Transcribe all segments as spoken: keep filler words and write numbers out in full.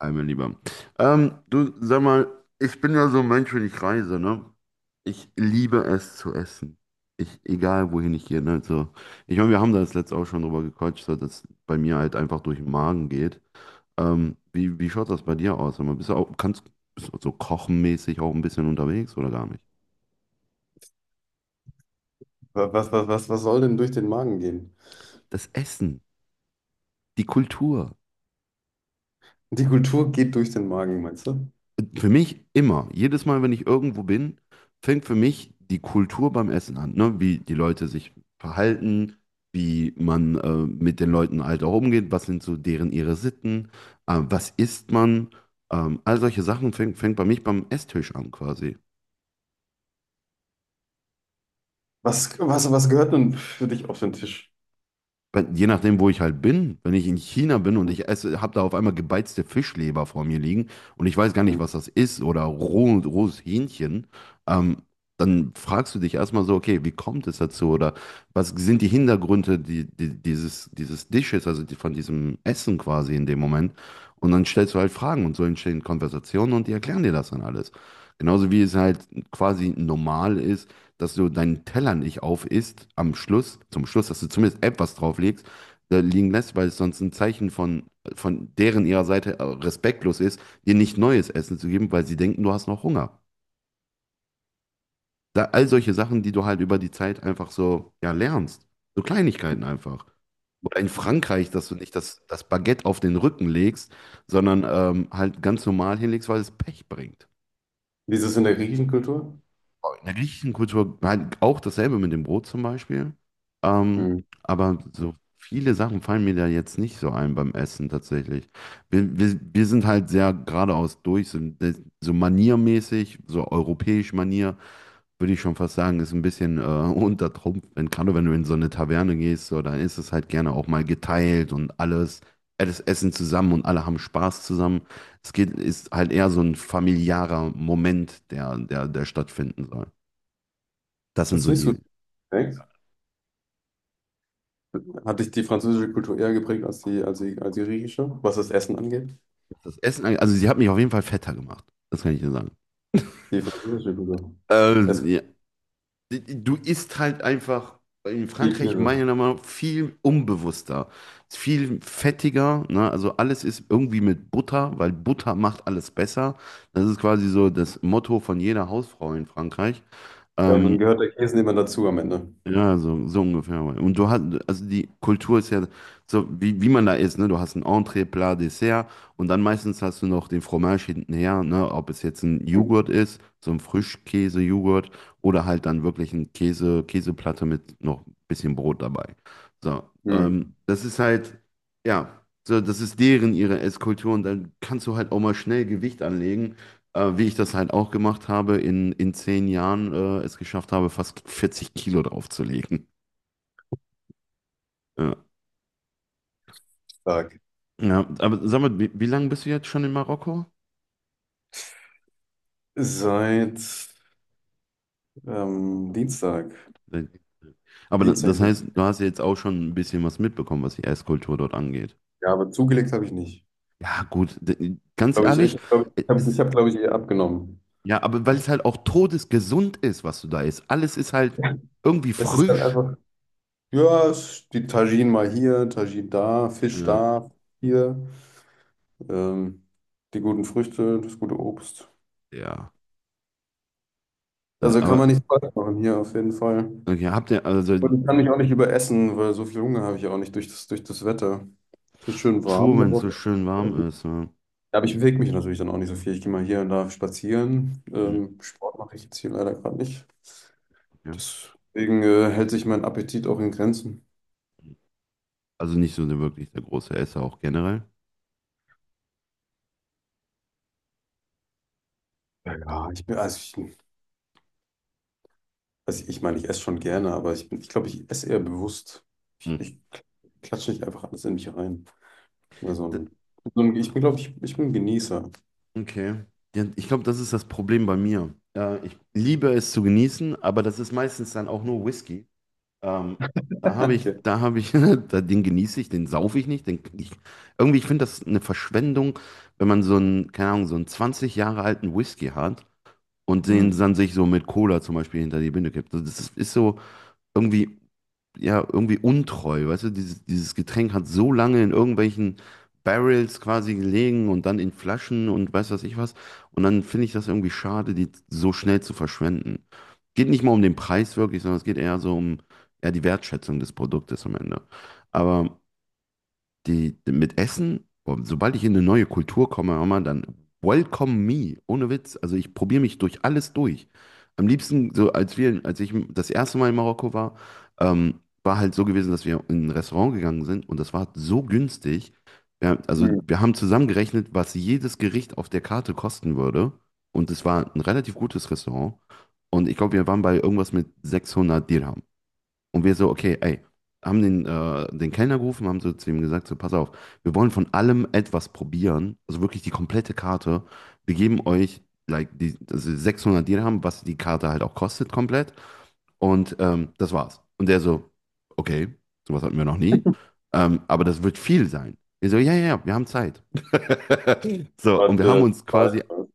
Hi, mein Lieber. Ähm, du, sag mal, ich bin ja so ein Mensch, wenn ich reise, ne? Ich liebe es zu essen. Ich, egal wohin ich gehe, ne? So, ich meine, wir haben da das letzte auch schon drüber gequatscht, so dass bei mir halt einfach durch den Magen geht. Ähm, wie, wie schaut das bei dir aus? Sag mal, bist du auch, kannst, bist du so kochenmäßig auch ein bisschen unterwegs oder gar nicht? Was, was, was, was soll denn durch den Magen gehen? Das Essen, die Kultur. Die Kultur geht durch den Magen, meinst du? Für mich immer, jedes Mal, wenn ich irgendwo bin, fängt für mich die Kultur beim Essen an, ne? Wie die Leute sich verhalten, wie man äh, mit den Leuten halt auch umgeht, was sind so deren ihre Sitten, äh, was isst man, ähm, all solche Sachen fängt, fängt bei mich beim Esstisch an quasi. Was, was, was gehört denn für dich auf den Tisch? Bei- Je nachdem, wo ich halt bin, wenn ich in China bin und ich esse, habe da auf einmal gebeizte Fischleber vor mir liegen und ich weiß gar nicht, Mhm. was das ist oder roh, rohes Hähnchen. ähm, Dann fragst du dich erstmal so, okay, wie kommt es dazu oder was sind die Hintergründe die, die, dieses, dieses Dishes, also die, von diesem Essen quasi in dem Moment. Und dann stellst du halt Fragen und so entstehen Konversationen und die erklären dir das dann alles. Genauso wie es halt quasi normal ist, dass du deinen Teller nicht aufisst am Schluss, zum Schluss, dass du zumindest etwas drauflegst, äh, liegen lässt, weil es sonst ein Zeichen von, von deren ihrer Seite äh, respektlos ist, dir nicht neues Essen zu geben, weil sie denken, du hast noch Hunger. Da, all solche Sachen, die du halt über die Zeit einfach so, ja, lernst. So Kleinigkeiten einfach. Oder in Wie Frankreich, dass du nicht das, das Baguette auf den Rücken legst, sondern ähm, halt ganz normal hinlegst, weil es Pech bringt. ist es in der griechischen Kultur? In der griechischen Kultur halt auch dasselbe mit dem Brot zum Beispiel. Ähm, Mhm. aber so viele Sachen fallen mir da jetzt nicht so ein beim Essen tatsächlich. Wir, wir, wir sind halt sehr geradeaus durch, so, so maniermäßig, so europäisch Manier, würde ich schon fast sagen, ist ein bisschen äh, unter Trumpf. Wenn, gerade wenn du in so eine Taverne gehst, so, dann ist es halt gerne auch mal geteilt und alles, alles Essen zusammen und alle haben Spaß zusammen. Es geht, ist halt eher so ein familiärer Moment, der, der, der stattfinden soll. Das sind Das ist so nicht so die. direkt. Hat dich die französische Kultur eher geprägt als die, als die, als die griechische, was das Essen angeht? Das Essen, angeht- also sie hat mich auf jeden Fall fetter gemacht. Das kann ich dir sagen. Die französische Kultur. Es Ähm, gibt Ja. Du isst halt einfach in viel Frankreich Käse. meiner Meinung nach viel unbewusster, viel fettiger. Ne? Also alles ist irgendwie mit Butter, weil Butter macht alles besser. Das ist quasi so das Motto von jeder Hausfrau in Frankreich. Ja, und dann Ähm, gehört der Käse immer dazu am Ende. Ja, so, so ungefähr. Und du hast, also die Kultur ist ja so, wie, wie man da ist, ne? Du hast ein Entree Plat, Dessert und dann meistens hast du noch den Fromage hintenher, ne? Ob es jetzt ein Mhm. Joghurt ist, so ein Frischkäse-Joghurt oder halt dann wirklich ein Käse, Käseplatte mit noch ein bisschen Brot dabei. So, ähm, Mhm. das ist halt, ja, so, das ist deren, ihre Esskultur und dann kannst du halt auch mal schnell Gewicht anlegen äh, wie ich das halt auch gemacht habe, in, in zehn Jahren äh, es geschafft habe, fast vierzig Kilo draufzulegen. Ja. Stark. Ja, aber sag mal, wie, wie lange bist du jetzt schon in Marokko? Seit ähm, Dienstag. Aber da- Dienstag das bin heißt, ich. du hast ja jetzt auch schon ein bisschen was mitbekommen, was die Esskultur dort angeht. Ja, aber zugelegt habe ich nicht. Ja, gut, d- ganz Glaube ich, ehrlich, ich glaube, ich habe, ich es- hab, glaube ich, eher abgenommen. ja, aber weil es halt auch todesgesund ist, was du da isst. Alles ist halt irgendwie Es ist dann frisch. einfach, ja, es- die Tagine mal hier, Tagine da, Fisch Ja, da, hier, ähm, die guten Früchte, das gute Obst. ja, ja, Also kann aber man nichts falsch machen hier auf jeden Fall. okay, habt ihr, also Und ich kann mich auch nicht überessen, weil so viel Hunger habe ich auch nicht durch das, durch das Wetter. Es wird pff, schön True, warm, da wenn es brauchst so du. schön warm ist. Ja. Ja, aber ich bewege mich natürlich dann auch nicht so viel. Ich gehe mal hier und da spazieren. Mhm, Ähm, Sport mache ich jetzt hier leider gerade nicht. ja. Deswegen äh, hält sich mein Appetit auch in Grenzen. Also nicht so eine wirklich der große Esser auch generell. Ja, ja, ich bin, also ich, also ich meine, ich esse schon gerne, aber ich bin, ich glaube, ich esse eher bewusst. Ich, Hm. ich klatsche nicht einfach alles in mich rein. Immer so D- ein, so ein, ich bin, glaube ich, ich bin ein Genießer. Okay. Ja, ich glaube, das ist das Problem bei mir. Äh, ich liebe es zu genießen, aber das ist meistens dann auch nur Whisky. Ähm, da habe ich, Okay. Da habe ich, da, den genieße ich, den saufe ich nicht. Den, ich, irgendwie, ich finde das eine Verschwendung, wenn man so einen, keine Ahnung, so einen zwanzig Jahre alten Whisky hat und den Hm. dann sich so mit Cola zum Beispiel hinter die Binde kippt. Also das ist, ist so irgendwie. Ja, irgendwie untreu, weißt du, dieses, dieses Getränk hat so lange in irgendwelchen Barrels quasi gelegen und dann in Flaschen und weiß was ich was. Und dann finde ich das irgendwie schade, die so schnell zu verschwenden. Geht nicht mal um den Preis wirklich, sondern es geht eher so um eher die Wertschätzung des Produktes am Ende. Aber die, mit Essen, boah, sobald ich in eine neue Kultur komme, hör mal, dann welcome me, ohne Witz. Also ich probiere mich durch alles durch. Am liebsten, so als wir, als ich das erste Mal in Marokko war, ähm, war halt so gewesen, dass wir in ein Restaurant gegangen sind und das war so günstig. Ja, also Hm. wir haben zusammengerechnet, was jedes Gericht auf der Karte kosten würde. Und es war ein relativ gutes Restaurant. Und ich glaube, wir waren bei irgendwas mit sechshundert Dirham. Und wir so, okay, ey, haben den, äh, den Kellner gerufen, haben so zu ihm gesagt, so, pass auf, wir wollen von allem etwas probieren, also wirklich die komplette Karte. Wir geben euch, like, die, also sechshundert Dirham, was die Karte halt auch kostet komplett. Und ähm, das war's. Und der so, okay, sowas hatten wir noch nie, ähm, aber das wird viel sein. Wir so, ja, ja, ja, wir haben Zeit. So, und wir haben Warte, uns quasi warte,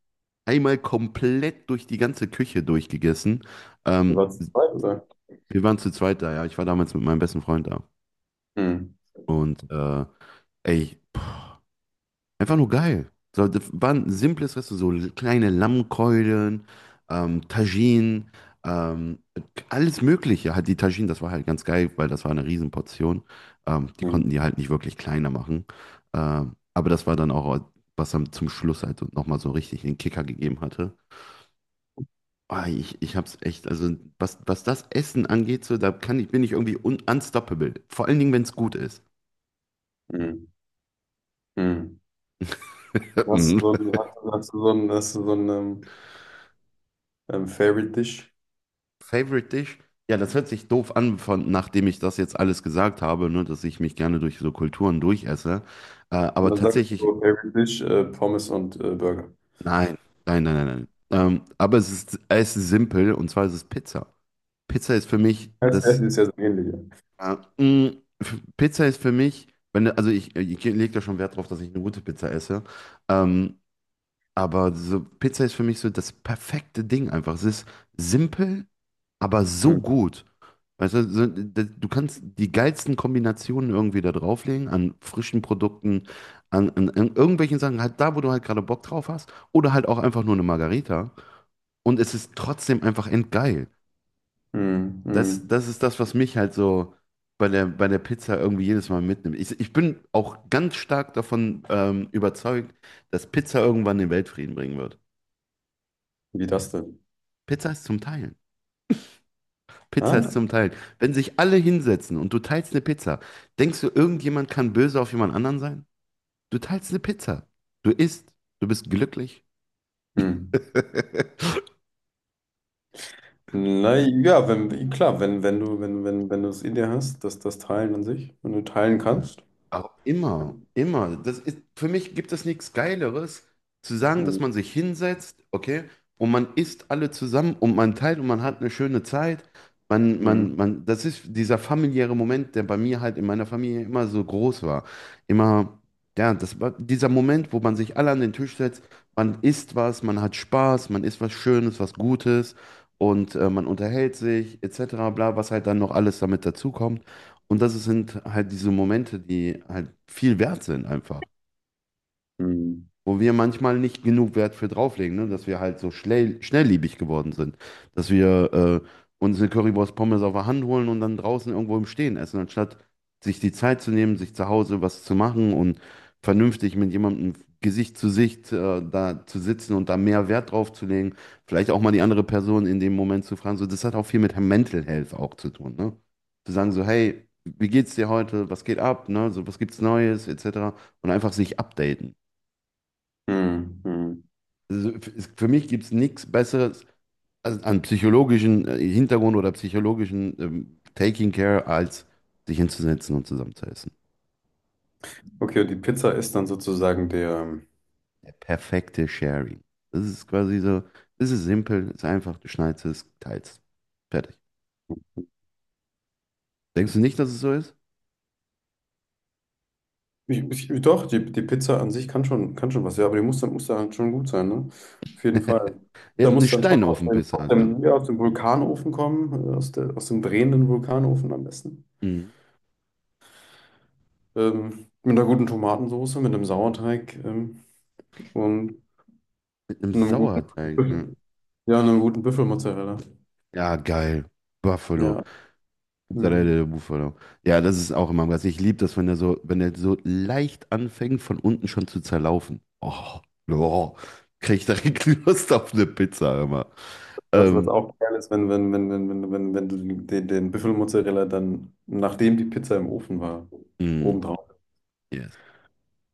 einmal komplett durch die ganze Küche durchgegessen. Ähm, warte, oder? Wir waren zu zweit da, ja. Ich war damals mit meinem besten Freund da. Hm, Und äh, ey, pff, einfach nur geil. So, das war ein simples Restaurant, so kleine Lammkeulen, ähm, Tagine, ähm, alles Mögliche. Hat die Tagine, das war halt ganz geil, weil das war eine Riesenportion. Ähm, die hm, konnten die halt nicht wirklich kleiner machen. Ähm, aber das war dann auch, was dann zum Schluss halt nochmal so richtig den Kicker gegeben hatte. Ah, ich, ich hab's echt, also was, was das Essen angeht, so, da kann ich, bin ich irgendwie un unstoppable. Vor allen Dingen, wenn es gut ist. hm, hm. Mhm. Hast du so ein, hast, du- hast du so ein, hast du so ein ähm, ähm, Favorite Dish? Favorite Dish? Ja, das hört sich doof an, von, nachdem ich das jetzt alles gesagt habe, ne, dass ich mich gerne durch so Kulturen durchesse. Äh, Und Aber dann sagst du tatsächlich, so, Favorite Dish, äh, Pommes und äh, Burger. nein, nein, nein, nein, nein. Ähm, aber es ist, es ist simpel und zwar ist es Pizza. Pizza ist für mich Das das. Essen ist ja so ähnlich, ja. Äh, mh, f- Pizza ist für mich, wenn, du- also ich, ich lege da schon Wert drauf, dass ich eine gute Pizza esse. Ähm, aber so, Pizza ist für mich so das perfekte Ding einfach. Es ist simpel, aber so Hm, gut. Weißt du, so, d- du kannst die geilsten Kombinationen irgendwie da drauflegen, an frischen Produkten, an, an, an irgendwelchen Sachen, halt da, wo du halt gerade Bock drauf hast, oder halt auch einfach nur eine Margarita. Und es ist trotzdem einfach endgeil. hm, hm. Das, das ist das, was mich halt so bei der, bei der Pizza irgendwie jedes Mal mitnimmt. Ich, ich bin auch ganz stark davon ähm, überzeugt, dass Pizza irgendwann den Weltfrieden bringen wird. Wie das denn? Pizza ist zum Teilen. Pizza Ah. ist zum Teilen. Wenn sich alle hinsetzen und du teilst eine Pizza, denkst du, irgendjemand kann böse auf jemand anderen sein? Du teilst eine Pizza. Du isst. Du bist glücklich. Hm. Na ja, wenn, klar, wenn, wenn du, wenn, wenn, wenn du es in dir hast, dass das Teilen an sich, wenn du teilen Ja. kannst. Aber immer, immer. Das ist, für mich gibt es nichts Geileres, zu sagen, dass Hm, man sich hinsetzt, okay, und man isst alle zusammen und man teilt und man hat eine schöne Zeit. Man, hm, man, Man, das ist dieser familiäre Moment, der bei mir halt in meiner Familie immer so groß war. Immer, ja, das war dieser Moment, wo man sich alle an den Tisch setzt, man isst was, man hat Spaß, man isst was Schönes, was Gutes und äh, man unterhält sich, et cetera, bla, was halt dann noch alles damit dazukommt. Und das sind halt diese Momente, die halt viel wert sind einfach, hm, wo wir manchmal nicht genug Wert für drauflegen, ne? Dass wir halt so schnell, schnellliebig geworden sind. Dass wir äh, uns eine Currywurst Pommes auf der Hand holen und dann draußen irgendwo im Stehen essen, anstatt sich die Zeit zu nehmen, sich zu Hause was zu machen und vernünftig mit jemandem Gesicht zu Sicht äh, da zu sitzen und da mehr Wert drauf zu legen. Vielleicht auch mal die andere Person in dem Moment zu fragen. So, das hat auch viel mit Mental Health auch zu tun, ne? Zu sagen so, hey, wie geht's dir heute? Was geht ab? Ne? So, was gibt's Neues? Etc. Und einfach sich updaten. hm, hm. Also f- für mich gibt es nichts Besseres als- an psychologischen äh, Hintergrund oder psychologischen ähm, Taking Care, als sich hinzusetzen und zusammen. Okay, und die Pizza ist dann sozusagen der. Der perfekte Sharing. Das ist quasi so, es ist simpel, es ist einfach, du schneidest es, teilst. Fertig. Denkst du nicht, dass es so ist? Ich, ich, doch, die, die Pizza an sich kann schon, kann schon was, ja, aber die muss dann, muss dann halt schon gut sein, ne? Auf jeden Fall. Ja, Da eine muss dann schon aus dem, Steinofenpizza aus halt dann. dem, ja, aus dem Vulkanofen kommen, äh, aus der, aus dem drehenden Vulkanofen am besten. Mhm. Ähm, mit einer guten Tomatensauce, mit einem Sauerteig, ähm, und Mit einem einem guten. Sauerteig. Ja, Ja, einen guten Büffelmozzarella. ja geil. Buffalo. Ja. Mozzarella Mhm. de Bufalo. Ja, das ist auch immer was. Ich liebe das, wenn der so, wenn der so leicht anfängt, von unten schon zu zerlaufen. Oh, oh, krieg ich direkt Lust auf eine Pizza immer. Was, was Ähm, auch geil ist, wenn, wenn, wenn, wenn, wenn, wenn, wenn du den, den Büffelmozzarella dann, nachdem die Pizza im Ofen war, mm, obendrauf yes,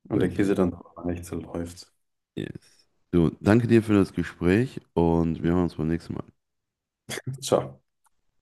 und gut, der Käse dann nicht so läuft. yes. So, danke dir für das Gespräch und wir hören uns beim nächsten Mal. Ciao.